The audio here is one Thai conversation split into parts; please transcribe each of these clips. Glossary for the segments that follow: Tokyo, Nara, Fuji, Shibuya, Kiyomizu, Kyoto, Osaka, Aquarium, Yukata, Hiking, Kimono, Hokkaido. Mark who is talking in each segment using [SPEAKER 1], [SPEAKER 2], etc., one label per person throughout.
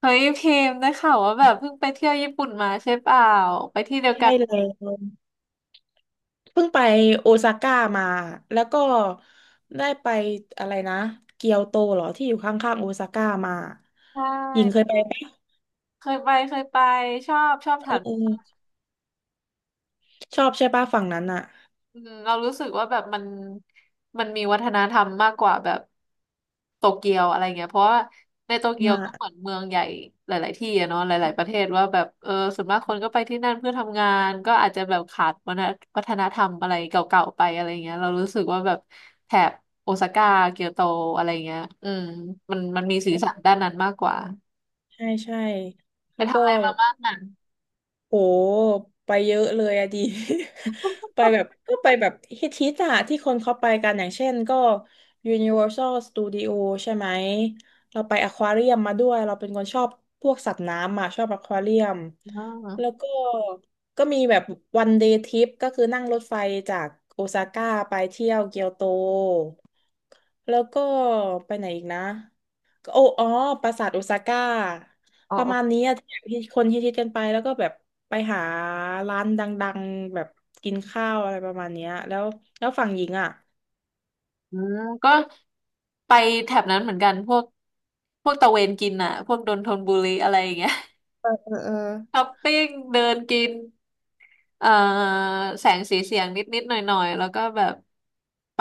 [SPEAKER 1] เฮ้ยพิมพ์ได้ข่าวว่าแบบเพิ่งไปเที่ยวญี่ปุ่นมาใช่เปล่าไปที่เดียว
[SPEAKER 2] ใช่
[SPEAKER 1] กัน
[SPEAKER 2] เลยเพิ่งไปโอซาก้ามาแล้วก็ได้ไปอะไรนะเกียวโตเหรอที่อยู่ข้างๆโอซาก้ามา
[SPEAKER 1] ใช่
[SPEAKER 2] หญิงเคยไปปะ
[SPEAKER 1] เคยไปชอบแถ
[SPEAKER 2] เ
[SPEAKER 1] ว
[SPEAKER 2] ออชอบใช่ปะฝั่งนั้นอ่ะ
[SPEAKER 1] อืมเรารู้สึกว่าแบบมันมีวัฒนธรรมมากกว่าแบบโตเกียวอะไรเงี้ยเพราะว่าในโตเกีย
[SPEAKER 2] อ่า
[SPEAKER 1] วก็เหมือนเมืองใหญ่หลายๆที่อะเนาะหลายๆประเทศว่าแบบเออส่วนมากคนก็ไปที่นั่นเพื่อทำงานก็อาจจะแบบขาดวัฒนธรรมอะไรเก่าๆไปอะไรเงี้ยเรารู้สึกว่าแบบแถบโอซาก้าเกียวโตอะไรเงี้ยอืมมันมีสีสันด้านนั้นมากกว่า
[SPEAKER 2] ใช่ใช่
[SPEAKER 1] ไป
[SPEAKER 2] แล้ว
[SPEAKER 1] ทำ
[SPEAKER 2] ก็
[SPEAKER 1] อะไรมาบ้างอ่ะ
[SPEAKER 2] โหไปเยอะเลยอะดี ไปแบบก็ไปแบบฮิตอะที่คนเขาไปกันอย่างเช่นก็ Universal Studio ใช่ไหม เราไปอควาเรียมมาด้วยเราเป็นคนชอบพวกสัตว์น้ำอะชอบอควาเรียม แล้วก็ก็มีแบบวันเดย์ทริปก็คือนั่งรถไฟจากโอซาก้าไปเที่ยวเกียวโต แล้วก็ไปไหนอีกนะ โอ้อ๋อปราสาทโอซาก้า
[SPEAKER 1] อ๋
[SPEAKER 2] ประมาณ
[SPEAKER 1] อ
[SPEAKER 2] นี้อะที่คนฮิตๆกันไปแล้วก็แบบไปหาร้านดังๆแบบกินข้าวอะไรประมาณเนี้ยแล้วแล้วฝั่งหญิงอ่ะ
[SPEAKER 1] อืมก็ไปแถบนั้นเหมือนกันพวกตะเวนกินอ่ะพวกดนทนบุรีอะไรอย่างเงี้ย
[SPEAKER 2] เออเออเออ
[SPEAKER 1] ช้อปปิ้งเดินกินเอ่อแสงสีเสียงนิดนิดหน่อยหน่อยๆแล้วก็แบบไป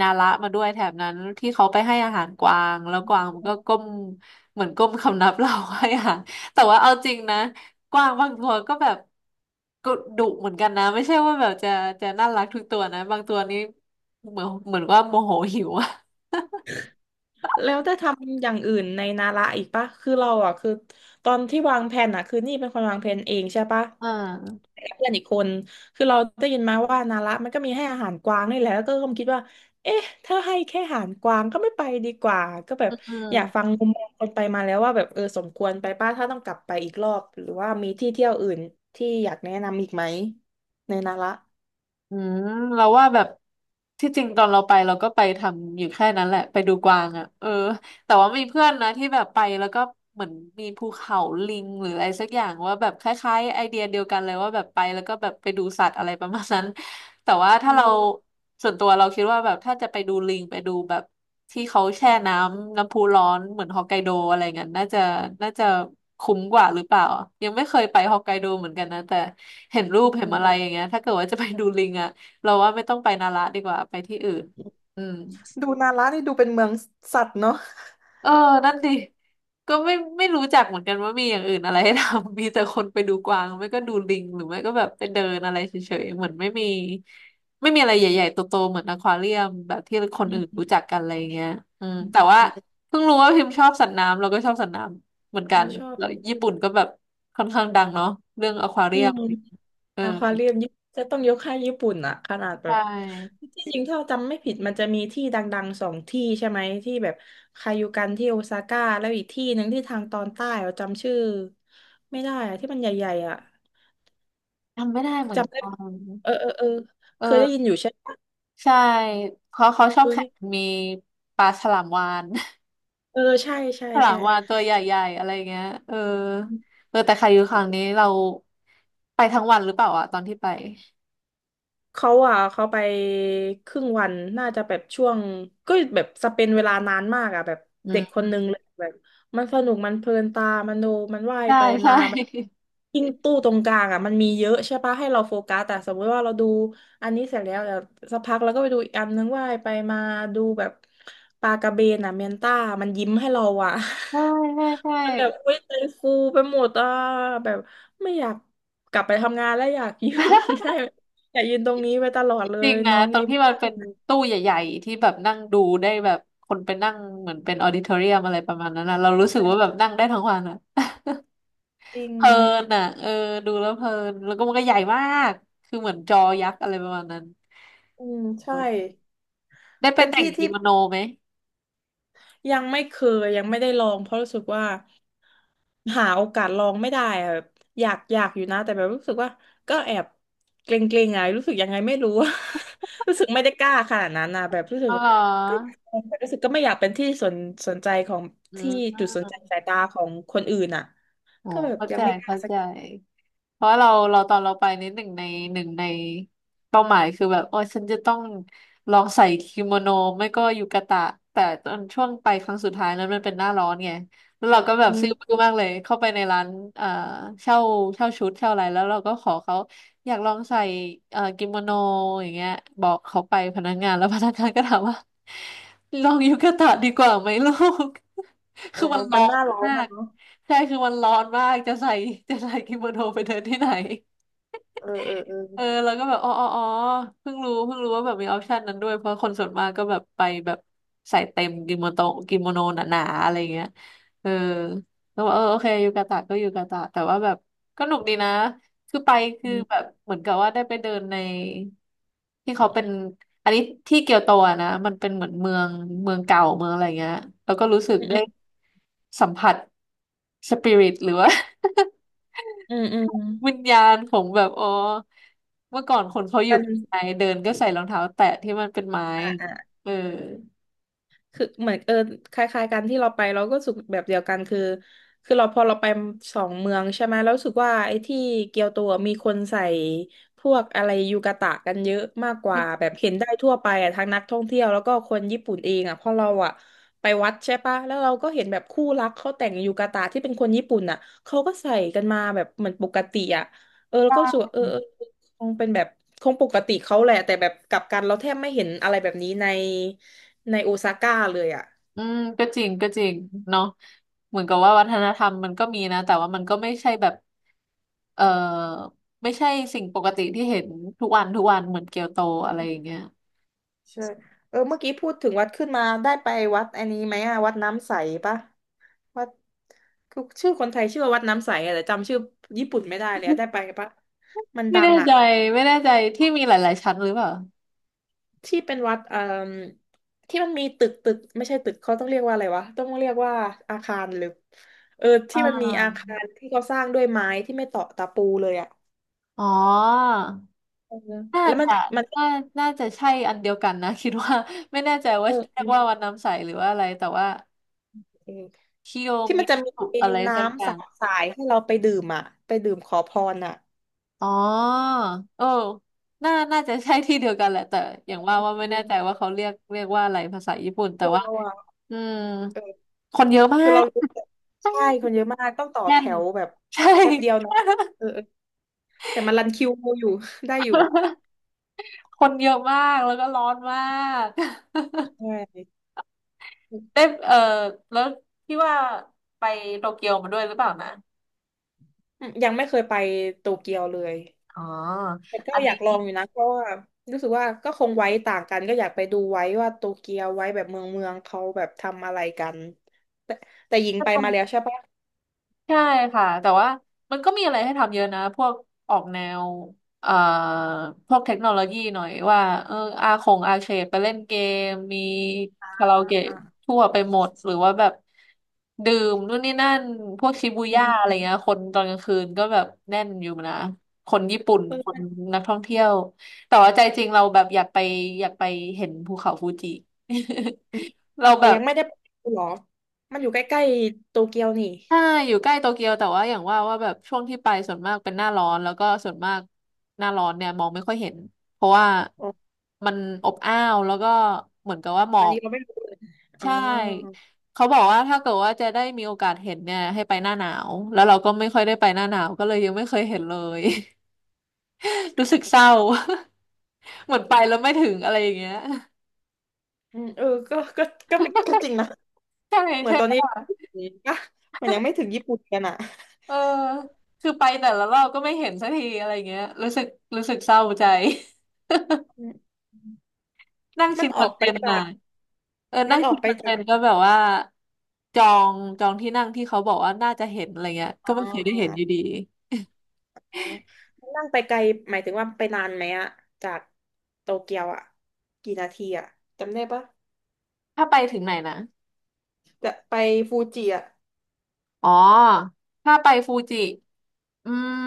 [SPEAKER 1] นาระมาด้วยแถบนั้นที่เขาไปให้อาหารกวางแล้วกวางมันก็ก้มเหมือนก้มคำนับเราให้อาหาร แต่ว่าเอาจริงนะกวางบางตัวก็แบบก็ดุเหมือนกันนะไม่ใช่ว่าแบบจะน่ารักทุกตัวนะบางตัวนี้เหมือนว่าโมโหหิวอะ
[SPEAKER 2] แล้วได้ทำอย่างอื่นในนาระอีกปะคือเราอ่ะคือตอนที่วางแผนอ่ะคือนี่เป็นคนวางแผนเองใช่ปะ
[SPEAKER 1] อ่า
[SPEAKER 2] กับเพื่อนอีกคนคือเราได้ยินมาว่านาระมันก็มีให้อาหารกวางนี่แหละแล้วก็เคิดว่าเอ๊ะถ้าให้แค่อาหารกวางก็ไม่ไปดีกว่าก็แบบ
[SPEAKER 1] อืม
[SPEAKER 2] อยากฟังมุมมองคนไปมาแล้วว่าแบบเออสมควรไปป้าถ้าต้องกลับไปอีกรอบหรือว่ามีที่เที่ยวอื่นที่อยากแนะนำอีกไหมในนาระ
[SPEAKER 1] อืมเราว่าแบบที่จริงตอนเราไปเราก็ไปทำอยู่แค่นั้นแหละไปดูกวางอ่ะเออ แต่ว่ามีเพื่อนนะที่แบบไปแล้วก็เหมือนมีภูเขาลิงหรืออะไรสักอย่างว่าแบบคล้ายๆไอเดียเดียวกันเลยว่าแบบไปแล้วก็แบบไปดูสัตว์อะไรประมาณนั้น แต่ว่าถ้า
[SPEAKER 2] อื
[SPEAKER 1] เรา
[SPEAKER 2] ม
[SPEAKER 1] ส่วนตัวเราคิดว่าแบบถ้าจะไปดูลิงไปดูแบบที่เขาแช่น้ำพุร้อนเหมือนฮอกไกโดอะไรเงี้ยน่าจะน่าจะคุ้มกว่าหรือเปล่ายังไม่เคยไปฮอกไกโดเหมือนกันนะแต่เห็นรูปเห็นอะไรอย่างเงี้ยถ้าเกิดว่าจะไปดูลิงอะเราว่าไม่ต้องไปนาระดีกว่าไปที่อื่นอืม
[SPEAKER 2] ดูนาระนี่ดูเป็นเมืองสัตว์เนาะ
[SPEAKER 1] เออนั่นดิก็ไม่รู้จักเหมือนกันว่ามีอย่างอื่นอะไรให้ทำ มีแต่คนไปดูกวางไม่ก็ดูลิงหรือไม่ก็แบบไปเดินอะไรเฉยๆเหมือนไม่มีอะไรใหญ่ๆโตๆเหมือนอควาเรียมแบบที่ค
[SPEAKER 2] อื
[SPEAKER 1] นอื่นรู้
[SPEAKER 2] ม
[SPEAKER 1] จักกันอะไรเงี้ยอืมแต่
[SPEAKER 2] อ
[SPEAKER 1] ว่า
[SPEAKER 2] ม
[SPEAKER 1] เพิ่งรู้ว่าพิมพ์ชอบสัตว์น้ำเราก็ชอบสัตว์น้ำเหมือน
[SPEAKER 2] อื
[SPEAKER 1] กั
[SPEAKER 2] ม
[SPEAKER 1] น
[SPEAKER 2] ชอบ
[SPEAKER 1] แล้วญี่ปุ่นก็แบบค่อนข้างดังเนาะเรื่องอควาเรี
[SPEAKER 2] อื
[SPEAKER 1] ยม
[SPEAKER 2] ม
[SPEAKER 1] เออ
[SPEAKER 2] อควาเรียมจะต้องยกให้ญี่ปุ่นอะขนาดแบ
[SPEAKER 1] ใช่
[SPEAKER 2] บที่จริงถ้าจำไม่ผิดมันจะมีที่ดังๆสองที่ใช่ไหมที่แบบคายูกันที่โอซาก้าแล้วอีกที่หนึ่งที่ทางตอนใต้เราจำชื่อไม่ได้อะที่มันใหญ่ๆอะ
[SPEAKER 1] ทำไม่ได้เหมือน
[SPEAKER 2] จำได้
[SPEAKER 1] กัน
[SPEAKER 2] เออเออเออ
[SPEAKER 1] เอ
[SPEAKER 2] เคยได้ยิน
[SPEAKER 1] อ
[SPEAKER 2] อยู่ใช่ปะ
[SPEAKER 1] ใช่เขาชอ
[SPEAKER 2] เอ
[SPEAKER 1] บ
[SPEAKER 2] อ
[SPEAKER 1] แข่
[SPEAKER 2] เนี่
[SPEAKER 1] ง
[SPEAKER 2] ย
[SPEAKER 1] มีปลาฉลามวาฬ
[SPEAKER 2] เออใช่ใช่
[SPEAKER 1] ฉลา
[SPEAKER 2] ใช่
[SPEAKER 1] มวาฬตัวใหญ่ๆอะไรเงี้ยเออเออแต่คายูครั้งนี้เราไปทั้งวันหรือเปล่าอะตอนที่ไป
[SPEAKER 2] เขาอ่ะเขาไปครึ่งวันน่าจะแบบช่วงก็แบบสเปนเวลานานมากอ่ะแบบ
[SPEAKER 1] อื
[SPEAKER 2] เด็กค
[SPEAKER 1] ม
[SPEAKER 2] นนึงเลยแบบมันสนุกมันเพลินตามันดูมันว่าย
[SPEAKER 1] ใช่
[SPEAKER 2] ไปมา
[SPEAKER 1] ใช่
[SPEAKER 2] แบบ ยิ่งตู้ตรงกลางอ่ะมันมีเยอะใช่ปะให้เราโฟกัสแต่สมมติว่าเราดูอันนี้เสร็จแล้วเดี๋ยวสักพักเราก็ไปดูอีกอันนึงว่ายไปมาดูแบบปลากระเบนอ่ะเมียนต้ามันยิ้มให้เราอ่ะ
[SPEAKER 1] ใช่ใช่ ใช่
[SPEAKER 2] มันแบบอุ้ยใจฟูไปหมดอ่ะแบบไม่อยากกลับไปทำงานแล้วอยาก ยืน ได้ อย่ายืนตรงนี้ไปตลอดเล
[SPEAKER 1] จริ
[SPEAKER 2] ย
[SPEAKER 1] งนะ
[SPEAKER 2] น้อง
[SPEAKER 1] ตรง
[SPEAKER 2] ยิ้ม
[SPEAKER 1] ที่มัน
[SPEAKER 2] มาก
[SPEAKER 1] เป็นตู้ใหญ่ๆที่แบบนั่งดูได้แบบคนไปนั่งเหมือนเป็นออดิทอเรียมอะไรประมาณนั้นนะเรารู้สึกว่าแบบนั่งได้ทั้งวันอะ
[SPEAKER 2] จริง
[SPEAKER 1] เพลินอ่ะเออดูแล้วเพลินแล้วก็มันก็ใหญ่มากคือเหมือนจอยักษ์อะไรประมาณนั้น
[SPEAKER 2] อืมใช่
[SPEAKER 1] ได้ไป
[SPEAKER 2] เป็น
[SPEAKER 1] แต่ง
[SPEAKER 2] ที่
[SPEAKER 1] กิ
[SPEAKER 2] ที่
[SPEAKER 1] โมโนไหม
[SPEAKER 2] ยังไม่เคยยังไม่ได้ลองเพราะรู้สึกว่าหาโอกาสลองไม่ได้อะแบบอยากอยู่นะแต่แบบรู้สึกว่าก็แอบเกรงๆอะรู้สึกยังไงไม่รู้ รู้สึกไม่ได้กล้าขนาดนั้นนะแบบรู้สึก
[SPEAKER 1] อ๋อเหรอ
[SPEAKER 2] ก็อยากลองแต่รู้สึกไม่อยากเป็นที่สนใจของ
[SPEAKER 1] อื
[SPEAKER 2] ที่จุดสน
[SPEAKER 1] ม
[SPEAKER 2] ใจสายตาของคนอื่นอ่ะ
[SPEAKER 1] อ๋อ
[SPEAKER 2] ก็แบบ
[SPEAKER 1] เข้า
[SPEAKER 2] ยัง
[SPEAKER 1] ใจ
[SPEAKER 2] ไม่กล้า
[SPEAKER 1] เข้า
[SPEAKER 2] สัก
[SPEAKER 1] ใจ
[SPEAKER 2] ที
[SPEAKER 1] เพราะเราตอนเราไปนิดหนึ่งในหนึ่งในเป้าหมายคือแบบโอ้ยฉันจะต้องลองใส่กิโมโนไม่ก็ยูกาตะแต่ตอนช่วงไปครั้งสุดท้ายนั้นมันเป็นหน้าร้อนไงแล้วเราก็แบบ
[SPEAKER 2] อื
[SPEAKER 1] ซื้อบื้อ
[SPEAKER 2] ม
[SPEAKER 1] มากเลยเข้าไปในร้านเอ่อเช่าชุดเช่าอะไรแล้วเราก็ขอเขาอยากลองใส่กิโมโนอย่างเงี้ยบอกเขาไปพนักงานแล้วพนักงานก็ถามว่าลองยูกาตะดีกว่าไหมลูก
[SPEAKER 2] อ๋
[SPEAKER 1] คื
[SPEAKER 2] อ
[SPEAKER 1] อมันร้
[SPEAKER 2] ปั
[SPEAKER 1] อ
[SPEAKER 2] นห
[SPEAKER 1] น
[SPEAKER 2] น้าร้อน
[SPEAKER 1] มา
[SPEAKER 2] อ่ะ
[SPEAKER 1] ก
[SPEAKER 2] เนาะ
[SPEAKER 1] ใช่คือมันร้อนมากจะใส่กิโมโนไปเดินที่ไหน
[SPEAKER 2] เออเออเอ
[SPEAKER 1] เออแล้วก็แบบอ๋อเพิ่งรู้ว่าแบบมีออปชันนั้นด้วยเพราะคนส่วนมากก็แบบไปแบบใส่เต็มกิโมโนหนาๆอะไรเงี้ยเออแล้วบอกเออโอเคยูกาตะก็ยูกาตะแต่ว่าแบบก็หนุกดีนะคือไปคือแบ
[SPEAKER 2] อ
[SPEAKER 1] บเหมือนกับว่าได้ไปเดินในที่เขาเป็นอันนี้ที่เกียวโตอะนะมันเป็นเหมือนเมืองเก่าเมืองอะไรเงี้ยแล้วก็รู้สึก
[SPEAKER 2] อื
[SPEAKER 1] ได้
[SPEAKER 2] ม
[SPEAKER 1] สัมผัสสปิริตหรือว่า
[SPEAKER 2] อืมอืมอืม
[SPEAKER 1] วิญญาณของแบบอ๋อเมื่อก่อนคนเขาอ
[SPEAKER 2] มั
[SPEAKER 1] ยู่
[SPEAKER 2] น
[SPEAKER 1] ไทเดินก็ใส่รองเท้าแตะที่มันเป็นไม้
[SPEAKER 2] อ่าอ่า
[SPEAKER 1] เออ
[SPEAKER 2] คือเหมือนเออคล้ายๆกันที่เราไปเราก็รู้สึกแบบเดียวกันคือคือเราพอเราไปสองเมืองใช่ไหมแล้วรู้สึกว่าไอ้ที่เกียวโตอะมีคนใส่พวกอะไรยูกาตะกันเยอะมากกว่าแบบเห็นได้ทั่วไปอ่ะทั้งนักท่องเที่ยวแล้วก็คนญี่ปุ่นเองอ่ะเพอเราอ่ะไปวัดใช่ปะแล้วเราก็เห็นแบบคู่รักเขาแต่งยูกาตะที่เป็นคนญี่ปุ่นอ่ะเขาก็ใส่กันมาแบบเหมือนปกติอ่ะเออแล้วก็รู้สึกว่าเออเออคงเป็นแบบคงปกติเขาแหละแต่แบบกลับกันเราแทบไม่เห็นอะไรแบบนี้ใน ในโอซาก้าเลยอ่ะ
[SPEAKER 1] อืมก็จริงก็จริงเนาะเหมือนกับว่าวัฒนธรรมมันก็มีนะแต่ว่ามันก็ไม่ใช่แบบเออไม่ใช่สิ่งปกติที่เห็นทุกวันทุกวันเหมือนเกียวโตอะไรอย่างเงี้ย
[SPEAKER 2] ใช่เออเมื่อกี้พูดถึงวัดขึ้นมาได้ไปวัดอันนี้ไหมอะวัดน้ำใสปะวัดคือชื่อคนไทยชื่อว่าวัดน้ำใสอะแต่จำชื่อญี่ปุ่นไม่ได้เลยอะได้ไปปะมัน
[SPEAKER 1] ไม่
[SPEAKER 2] ดัง
[SPEAKER 1] แน่
[SPEAKER 2] อะ
[SPEAKER 1] ใจไม่แน่ใจที่มีหลายๆชั้นหรือเปล่า
[SPEAKER 2] ที่เป็นวัดที่มันมีตึกไม่ใช่ตึกเขาต้องเรียกว่าอะไรวะต้องเรียกว่าอาคารหรือเออ
[SPEAKER 1] อ่
[SPEAKER 2] ที่มันมีอา
[SPEAKER 1] า
[SPEAKER 2] คารที่เขาสร้างด้วยไม้ที่ไม่ต่อตะปูเลยอะ
[SPEAKER 1] อ๋อ
[SPEAKER 2] เออ
[SPEAKER 1] น่า
[SPEAKER 2] แล้วมัน
[SPEAKER 1] จะ
[SPEAKER 2] มัน
[SPEAKER 1] น่าน่าจะใช่อันเดียวกันนะ คิดว่า ไม่แน่ใจว่า
[SPEAKER 2] เอ
[SPEAKER 1] เรียก
[SPEAKER 2] อ
[SPEAKER 1] ว่าวันน้ำใสหรือว่าอะไรแต่ว่า
[SPEAKER 2] เออ
[SPEAKER 1] คิโย
[SPEAKER 2] ที่มั
[SPEAKER 1] มิ
[SPEAKER 2] นจะม
[SPEAKER 1] สุ
[SPEAKER 2] ี
[SPEAKER 1] อะไรสักอ
[SPEAKER 2] น้ำ
[SPEAKER 1] ย่า
[SPEAKER 2] สา
[SPEAKER 1] ง
[SPEAKER 2] สายให้เราไปดื่มอ่ะไปดื่มขอพรอ่ะ
[SPEAKER 1] อ๋อเออน่าจะใช่ที่เดียวกันแหละแต่อย่างว่า
[SPEAKER 2] ค
[SPEAKER 1] ว่าไม่แน่ใจ
[SPEAKER 2] ือ
[SPEAKER 1] ว่าเขาเรียกว่าอะไรภาษาญี่ปุ่นแต่
[SPEAKER 2] คือ
[SPEAKER 1] ว่า
[SPEAKER 2] เราอ่ะ
[SPEAKER 1] อืม
[SPEAKER 2] เออ
[SPEAKER 1] คนเยอะมา
[SPEAKER 2] คือเรา
[SPEAKER 1] ก
[SPEAKER 2] รู้แต่ใช่คนเยอะมากต้องต่อ
[SPEAKER 1] แน่
[SPEAKER 2] แถ
[SPEAKER 1] น
[SPEAKER 2] วแบบ แ
[SPEAKER 1] ใช่
[SPEAKER 2] ป๊บเดียวนะเออเออแต่มันรันคิวอยู่ ได้อยู่
[SPEAKER 1] คนเยอะมากแล้วก็ร้อนมาก
[SPEAKER 2] ใช ่
[SPEAKER 1] ได้
[SPEAKER 2] อ
[SPEAKER 1] เออแล้วพี่ว่าไปโตเกียวมาด้วยหรือเปล่านะ
[SPEAKER 2] ืมยังไม่เคยไปโตเกียวเลย
[SPEAKER 1] อ๋อ
[SPEAKER 2] แต่ก็
[SPEAKER 1] อัน
[SPEAKER 2] อยา
[SPEAKER 1] นี้
[SPEAKER 2] กลองอยู่นะเพราะว่ารู้สึกว่าก็คงไว้ต่างกันก็อยากไปดูไว้ว่าโตเกียวไว้แบบเมืองเขาแบบทำอะไรกันแต่หญิงไปมาแล้วใช่ปะ
[SPEAKER 1] ใช่ค่ะแต่ว่ามันก็มีอะไรให้ทำเยอะนะพวกออกแนวเอ่อพวกเทคโนโลยีหน่อยว่าเอออาคงอาเคดไปเล่นเกมมีคาราโอเกะ
[SPEAKER 2] อ่ะ
[SPEAKER 1] ทั่วไปหมดหรือว่าแบบดื่มนู่นนี่นั่นพวกชิบู
[SPEAKER 2] อื
[SPEAKER 1] ย่าอะไร
[SPEAKER 2] ม
[SPEAKER 1] เงี้ยคนตอนกลางคืนก็แบบแน่นอยู่นะคนญี่ปุ่น
[SPEAKER 2] อื
[SPEAKER 1] คน
[SPEAKER 2] ม
[SPEAKER 1] นักท่องเที่ยวแต่ว่าใจจริงเราแบบอยากไปอยากไปเห็นภูเขาฟูจิ
[SPEAKER 2] เออ
[SPEAKER 1] เรา
[SPEAKER 2] แต่
[SPEAKER 1] แบบ
[SPEAKER 2] ยังไม่ได้ไปดูหรอ มันอยู่ใกล้ๆโตเกียวนี่
[SPEAKER 1] ใช่อยู่ใกล้โตเกียวแต่ว่าอย่างว่าว่าแบบช่วงที่ไปส่วนมากเป็นหน้าร้อนแล้วก็ส่วนมากหน้าร้อนเนี่ยมองไม่ค่อยเห็นเพราะว่า
[SPEAKER 2] อ๋อ
[SPEAKER 1] มันอบอ้าวแล้วก็เหมือนกับว่าหมอ
[SPEAKER 2] อัน
[SPEAKER 1] ก
[SPEAKER 2] นี้เราไม่รู้เลยอ๋อ
[SPEAKER 1] ใช่เขาบอกว่าถ้าเกิดว่าจะได้มีโอกาสเห็นเนี่ยให้ไปหน้าหนาวแล้วเราก็ไม่ค่อยได้ไปหน้าหนาวก็เลยยังไม่เคยเห็นเลย รู้สึกเศร้า เหมือนไปแล้วไม่ถึงอะไรอย่างเงี้ย
[SPEAKER 2] อืมเออก็ก็จริงนะ
[SPEAKER 1] ใช่
[SPEAKER 2] เหมือน
[SPEAKER 1] ใช่
[SPEAKER 2] ตอ
[SPEAKER 1] ไห
[SPEAKER 2] น
[SPEAKER 1] ม
[SPEAKER 2] นี้
[SPEAKER 1] ล่ะ
[SPEAKER 2] อ่ะมันยังไม่ถึงญี่ปุ่นกันอ่ะ
[SPEAKER 1] เออคือไปแต่ละรอบก็ไม่เห็นสักทีอะไรเงี้ยรู้สึกรู้สึกเศร้าใจ
[SPEAKER 2] อืม
[SPEAKER 1] นั่ง
[SPEAKER 2] มั
[SPEAKER 1] ชิ
[SPEAKER 2] น
[SPEAKER 1] น
[SPEAKER 2] อ
[SPEAKER 1] คอ
[SPEAKER 2] อ
[SPEAKER 1] น
[SPEAKER 2] ก
[SPEAKER 1] เท
[SPEAKER 2] ไป
[SPEAKER 1] นต์
[SPEAKER 2] จา
[SPEAKER 1] น่ะ
[SPEAKER 2] ก
[SPEAKER 1] เออ
[SPEAKER 2] มั
[SPEAKER 1] นั่
[SPEAKER 2] น
[SPEAKER 1] ง
[SPEAKER 2] ออ
[SPEAKER 1] คิ
[SPEAKER 2] ก
[SPEAKER 1] ด
[SPEAKER 2] ไป
[SPEAKER 1] เหมือน
[SPEAKER 2] จา
[SPEAKER 1] กั
[SPEAKER 2] ก
[SPEAKER 1] นก็แบบว่าจอจองที่นั่งที่เขาบอกว่าน่าจะเห็นอะไรเงี้ย ก็
[SPEAKER 2] อ่า
[SPEAKER 1] ไม่เคยได้เห็นอยู่
[SPEAKER 2] อ่า
[SPEAKER 1] ดี
[SPEAKER 2] อ่ามันนั่งไปไกลหมายถึงว่าไปนานไหมอะจากโตเกียวอะกี่นาทีอะจำได้ปะ
[SPEAKER 1] ถ้าไปถึงไหนนะ
[SPEAKER 2] จะไปฟูจิอะ
[SPEAKER 1] อ๋อ ถ้าไปฟูจิ อืม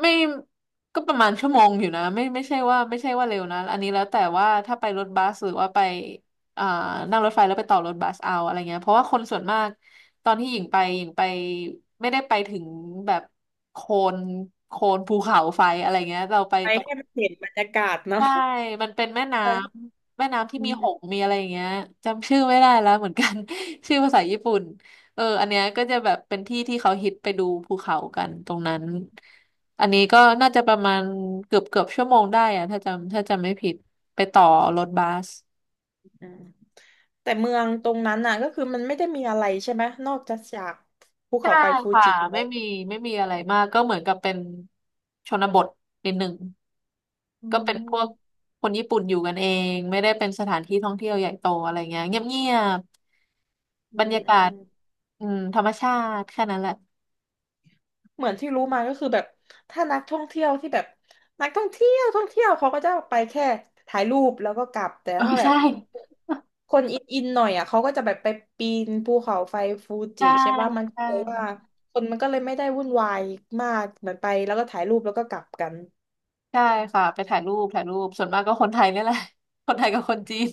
[SPEAKER 1] ไม่ ก็ประมาณชั่วโมงอยู่นะไม่ใช่ว่าไม่ใช่ว่าเร็วนะ อันนี้แล้วแต่ว่าถ้าไปรถบัสหรือว่าไปอ่านั่งรถไฟแล้วไปต่อรถบัสเอาอะไรเงี้ย เพราะว่าคนส่วนมากตอนที่หญิงไป หญิงไปไม่ได้ไปถึงแบบโคนโคนภูเขาไฟอะไรเงี้ย เราไป
[SPEAKER 2] ไป
[SPEAKER 1] ตรง
[SPEAKER 2] ให้มันเห็นบรรยากาศเนาะ
[SPEAKER 1] ใช่มันเป็นแม่น้
[SPEAKER 2] ใช่
[SPEAKER 1] ำแม่น้ำที่มีหงส์มีอะไรอย่างเงี้ยจำชื่อไม่ได้แล้วเหมือนกัน ชื่อภาษาญี่ปุ่นเอออันเนี้ยก็จะแบบเป็นที่ที่เขาฮิตไปดูภูเขากันตรงนั้นอันนี้ก็น่าจะประมาณเกือบชั่วโมงได้อะถ้าจำไม่ผิดไปต่อรถบัส
[SPEAKER 2] อืมแต่เมืองตรงนั้นน่ะก็คือมันไม่ได้มีอะไรใช่ไหมนอกจากภู
[SPEAKER 1] ใช่
[SPEAKER 2] เขาไฟฟู
[SPEAKER 1] ค่ะ
[SPEAKER 2] จิแล้
[SPEAKER 1] ไม่
[SPEAKER 2] ว
[SPEAKER 1] มีไม่มีอะไรมากก็เหมือนกับเป็นชนบทนิดหนึ่ง
[SPEAKER 2] อื
[SPEAKER 1] ก็เป็นพว
[SPEAKER 2] ม
[SPEAKER 1] กคนญี่ปุ่นอยู่กันเองไม่ได้เป็นสถานที่ท่องเที่ยวใหญ่โตอะไรเงี้ยเงียบ
[SPEAKER 2] อื
[SPEAKER 1] บรร
[SPEAKER 2] ม
[SPEAKER 1] ยา
[SPEAKER 2] อื
[SPEAKER 1] กา
[SPEAKER 2] ม
[SPEAKER 1] ศ
[SPEAKER 2] อืม
[SPEAKER 1] อืมธรรมชาติแค่นั้นแหละ
[SPEAKER 2] เหมือนที่รู้มาก็คือแบบถ้านักท่องเที่ยวที่แบบนักท่องเที่ยวเขาก็จะไปแค่ถ่ายรูปแล้วก็กลับแต่
[SPEAKER 1] เออ
[SPEAKER 2] ถ้าแบ
[SPEAKER 1] ใช่
[SPEAKER 2] บคนอินหน่อยอ่ะเขาก็จะแบบไปปีนภูเขาไฟฟูจิ
[SPEAKER 1] ใช่
[SPEAKER 2] ใช่ป่ะมัน
[SPEAKER 1] ใช
[SPEAKER 2] ก็เลยว่า
[SPEAKER 1] ่
[SPEAKER 2] คนมันก็เลยไม่ได้วุ่นวายมากเหมือนไปแล้วก็ถ่ายรูปแล้วก็กลับกัน
[SPEAKER 1] ใช่ค่ะไปถ่ายรูปถ่ายรูปส่วนมากก็คนไทยนี่แหละ คนไทยกับคนจีน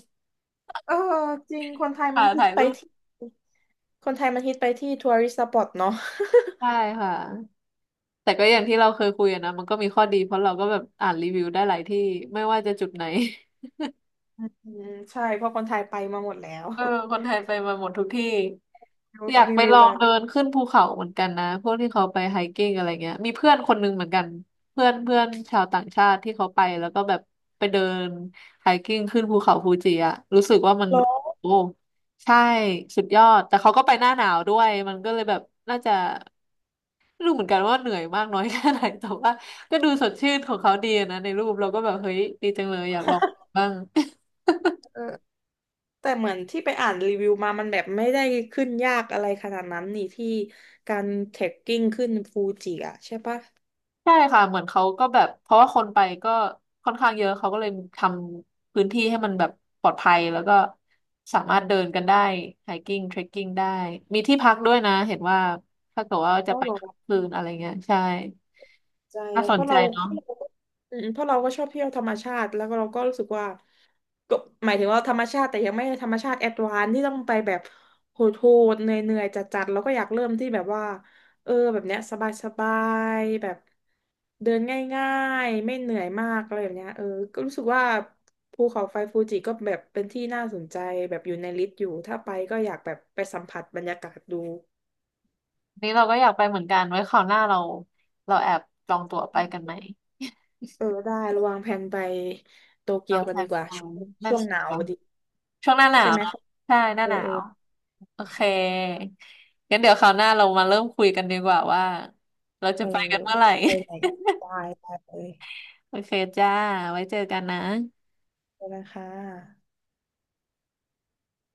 [SPEAKER 2] เออจริงคนไทยมั
[SPEAKER 1] ค่ะ
[SPEAKER 2] นฮิต
[SPEAKER 1] ถ่าย
[SPEAKER 2] ไป
[SPEAKER 1] รูป
[SPEAKER 2] ที่คนไทยมันฮิตไปที่ทัวริสต์สปอตเนาะ
[SPEAKER 1] ใช่ค่ะแต่ก็อย่างที่เราเคยคุยอะนะมันก็มีข้อดีเพราะเราก็แบบอ่านรีวิวได้หลายที่ไม่ว่าจะจุดไหน
[SPEAKER 2] อืมใช่เพราะคนไทยไปมาหมดแล้ว
[SPEAKER 1] เออคนไทยไปมาหมดทุกที่ อยาก
[SPEAKER 2] รี
[SPEAKER 1] ไป
[SPEAKER 2] วิว
[SPEAKER 1] ลอง
[SPEAKER 2] แล้ว
[SPEAKER 1] เดินขึ้นภูเขาเหมือนกันนะพวกที่เขาไปไฮกิ้งอะไรเงี้ยมีเพื่อนคนหนึงเหมือนกันเพื่อนเพื่อนชาวต่างชาติที่เขาไปแล้วก็แบบไปเดินไฮกิ้งขึ้นภูเขาฟูจิอะรู้สึกว่ามัน
[SPEAKER 2] แล้ว
[SPEAKER 1] โอ้ใช่สุดยอดแต่เขาก็ไปหน้าหนาวด้วยมันก็เลยแบบน่าจะไม่รู้เหมือนกันว่าเหนื่อยมากน้อยแค่ไหนแต่ว่าก็ดูสดชื่นของเขาดีอะนะในรูปเราก็แบบเฮ้ยดีจังเลยอยากลองบ้าง
[SPEAKER 2] เออแต่เหมือนที่ไปอ่านรีวิวมามันแบบไม่ได้ขึ้นยากอะไรขนาดนั้นนี่ที่การเทรคกิ้งขึ้นฟูจิอะใช่ปะ
[SPEAKER 1] ใช่ค่ะเหมือนเขาก็แบบเพราะว่าคนไปก็ค่อนข้างเยอะเขาก็เลยทำพื้นที่ให้มันแบบปลอดภัยแล้วก็สามารถเดินกันได้ไฮกิ้งเทรคกิ้งได้มีที่พักด้วยนะเห็นว่าถ้าเกิดว่า
[SPEAKER 2] อ๋
[SPEAKER 1] จะ
[SPEAKER 2] อ
[SPEAKER 1] ไป
[SPEAKER 2] เหรอ
[SPEAKER 1] คืนอะไรเงี้ยใช่
[SPEAKER 2] ใจ
[SPEAKER 1] น่าส
[SPEAKER 2] เพ
[SPEAKER 1] น
[SPEAKER 2] ราะ
[SPEAKER 1] ใจ
[SPEAKER 2] เราเพ
[SPEAKER 1] เนาะ
[SPEAKER 2] ราะเราก็อืมเพราะเราก็ชอบเที่ยวธรรมชาติแล้วก็เราก็รู้สึกว่า ก็หมายถึงว่าธรรมชาติแต่ยังไม่ธรรมชาติแอดวานซ์ที่ต้องไปแบบโหดๆเหนื่อยๆจัดๆแล้วก็อยากเริ่มที่แบบว่าเออแบบเนี้ยสบายๆแบบเดินง่ายๆไม่เหนื่อยมากอะไรแบบเนี้ยเออก็รู้สึกว่าภูเขาไฟฟูจิก็แบบเป็นที่น่าสนใจแบบอยู่ในลิสต์อยู่ถ้าไปก็อยากแบบไปสัมผัสบรรยากาศดู
[SPEAKER 1] อันนี้เราก็อยากไปเหมือนกันไว้คราวหน้าเราเราแอบจองตั๋วไปกันไหม
[SPEAKER 2] เออได้ระวางแผนไปโตเกี
[SPEAKER 1] วา
[SPEAKER 2] ยว
[SPEAKER 1] ง
[SPEAKER 2] กั
[SPEAKER 1] แผ
[SPEAKER 2] นดี
[SPEAKER 1] น
[SPEAKER 2] กว่า
[SPEAKER 1] ไว้
[SPEAKER 2] ช่วง
[SPEAKER 1] นั่
[SPEAKER 2] ช่
[SPEAKER 1] น
[SPEAKER 2] วงห
[SPEAKER 1] สิ
[SPEAKER 2] นาว
[SPEAKER 1] คะ
[SPEAKER 2] พอดี
[SPEAKER 1] ช่วงหน้าหนา
[SPEAKER 2] ใช่
[SPEAKER 1] ว
[SPEAKER 2] ไหม
[SPEAKER 1] เนอะ
[SPEAKER 2] เขา
[SPEAKER 1] ใช่หน้า
[SPEAKER 2] เออ
[SPEAKER 1] หนา
[SPEAKER 2] เออ
[SPEAKER 1] ว โอเคงั้นเดี๋ยวคราวหน้าเรามาเริ่มคุยกันดีกว่าว่าเราจะ
[SPEAKER 2] เออ
[SPEAKER 1] ไปกันเมื่อไหร่
[SPEAKER 2] ไปไหนได้ได้เลย
[SPEAKER 1] โอเคจ้าไว้เจอกันนะ
[SPEAKER 2] ขอบคุณนะค่ะ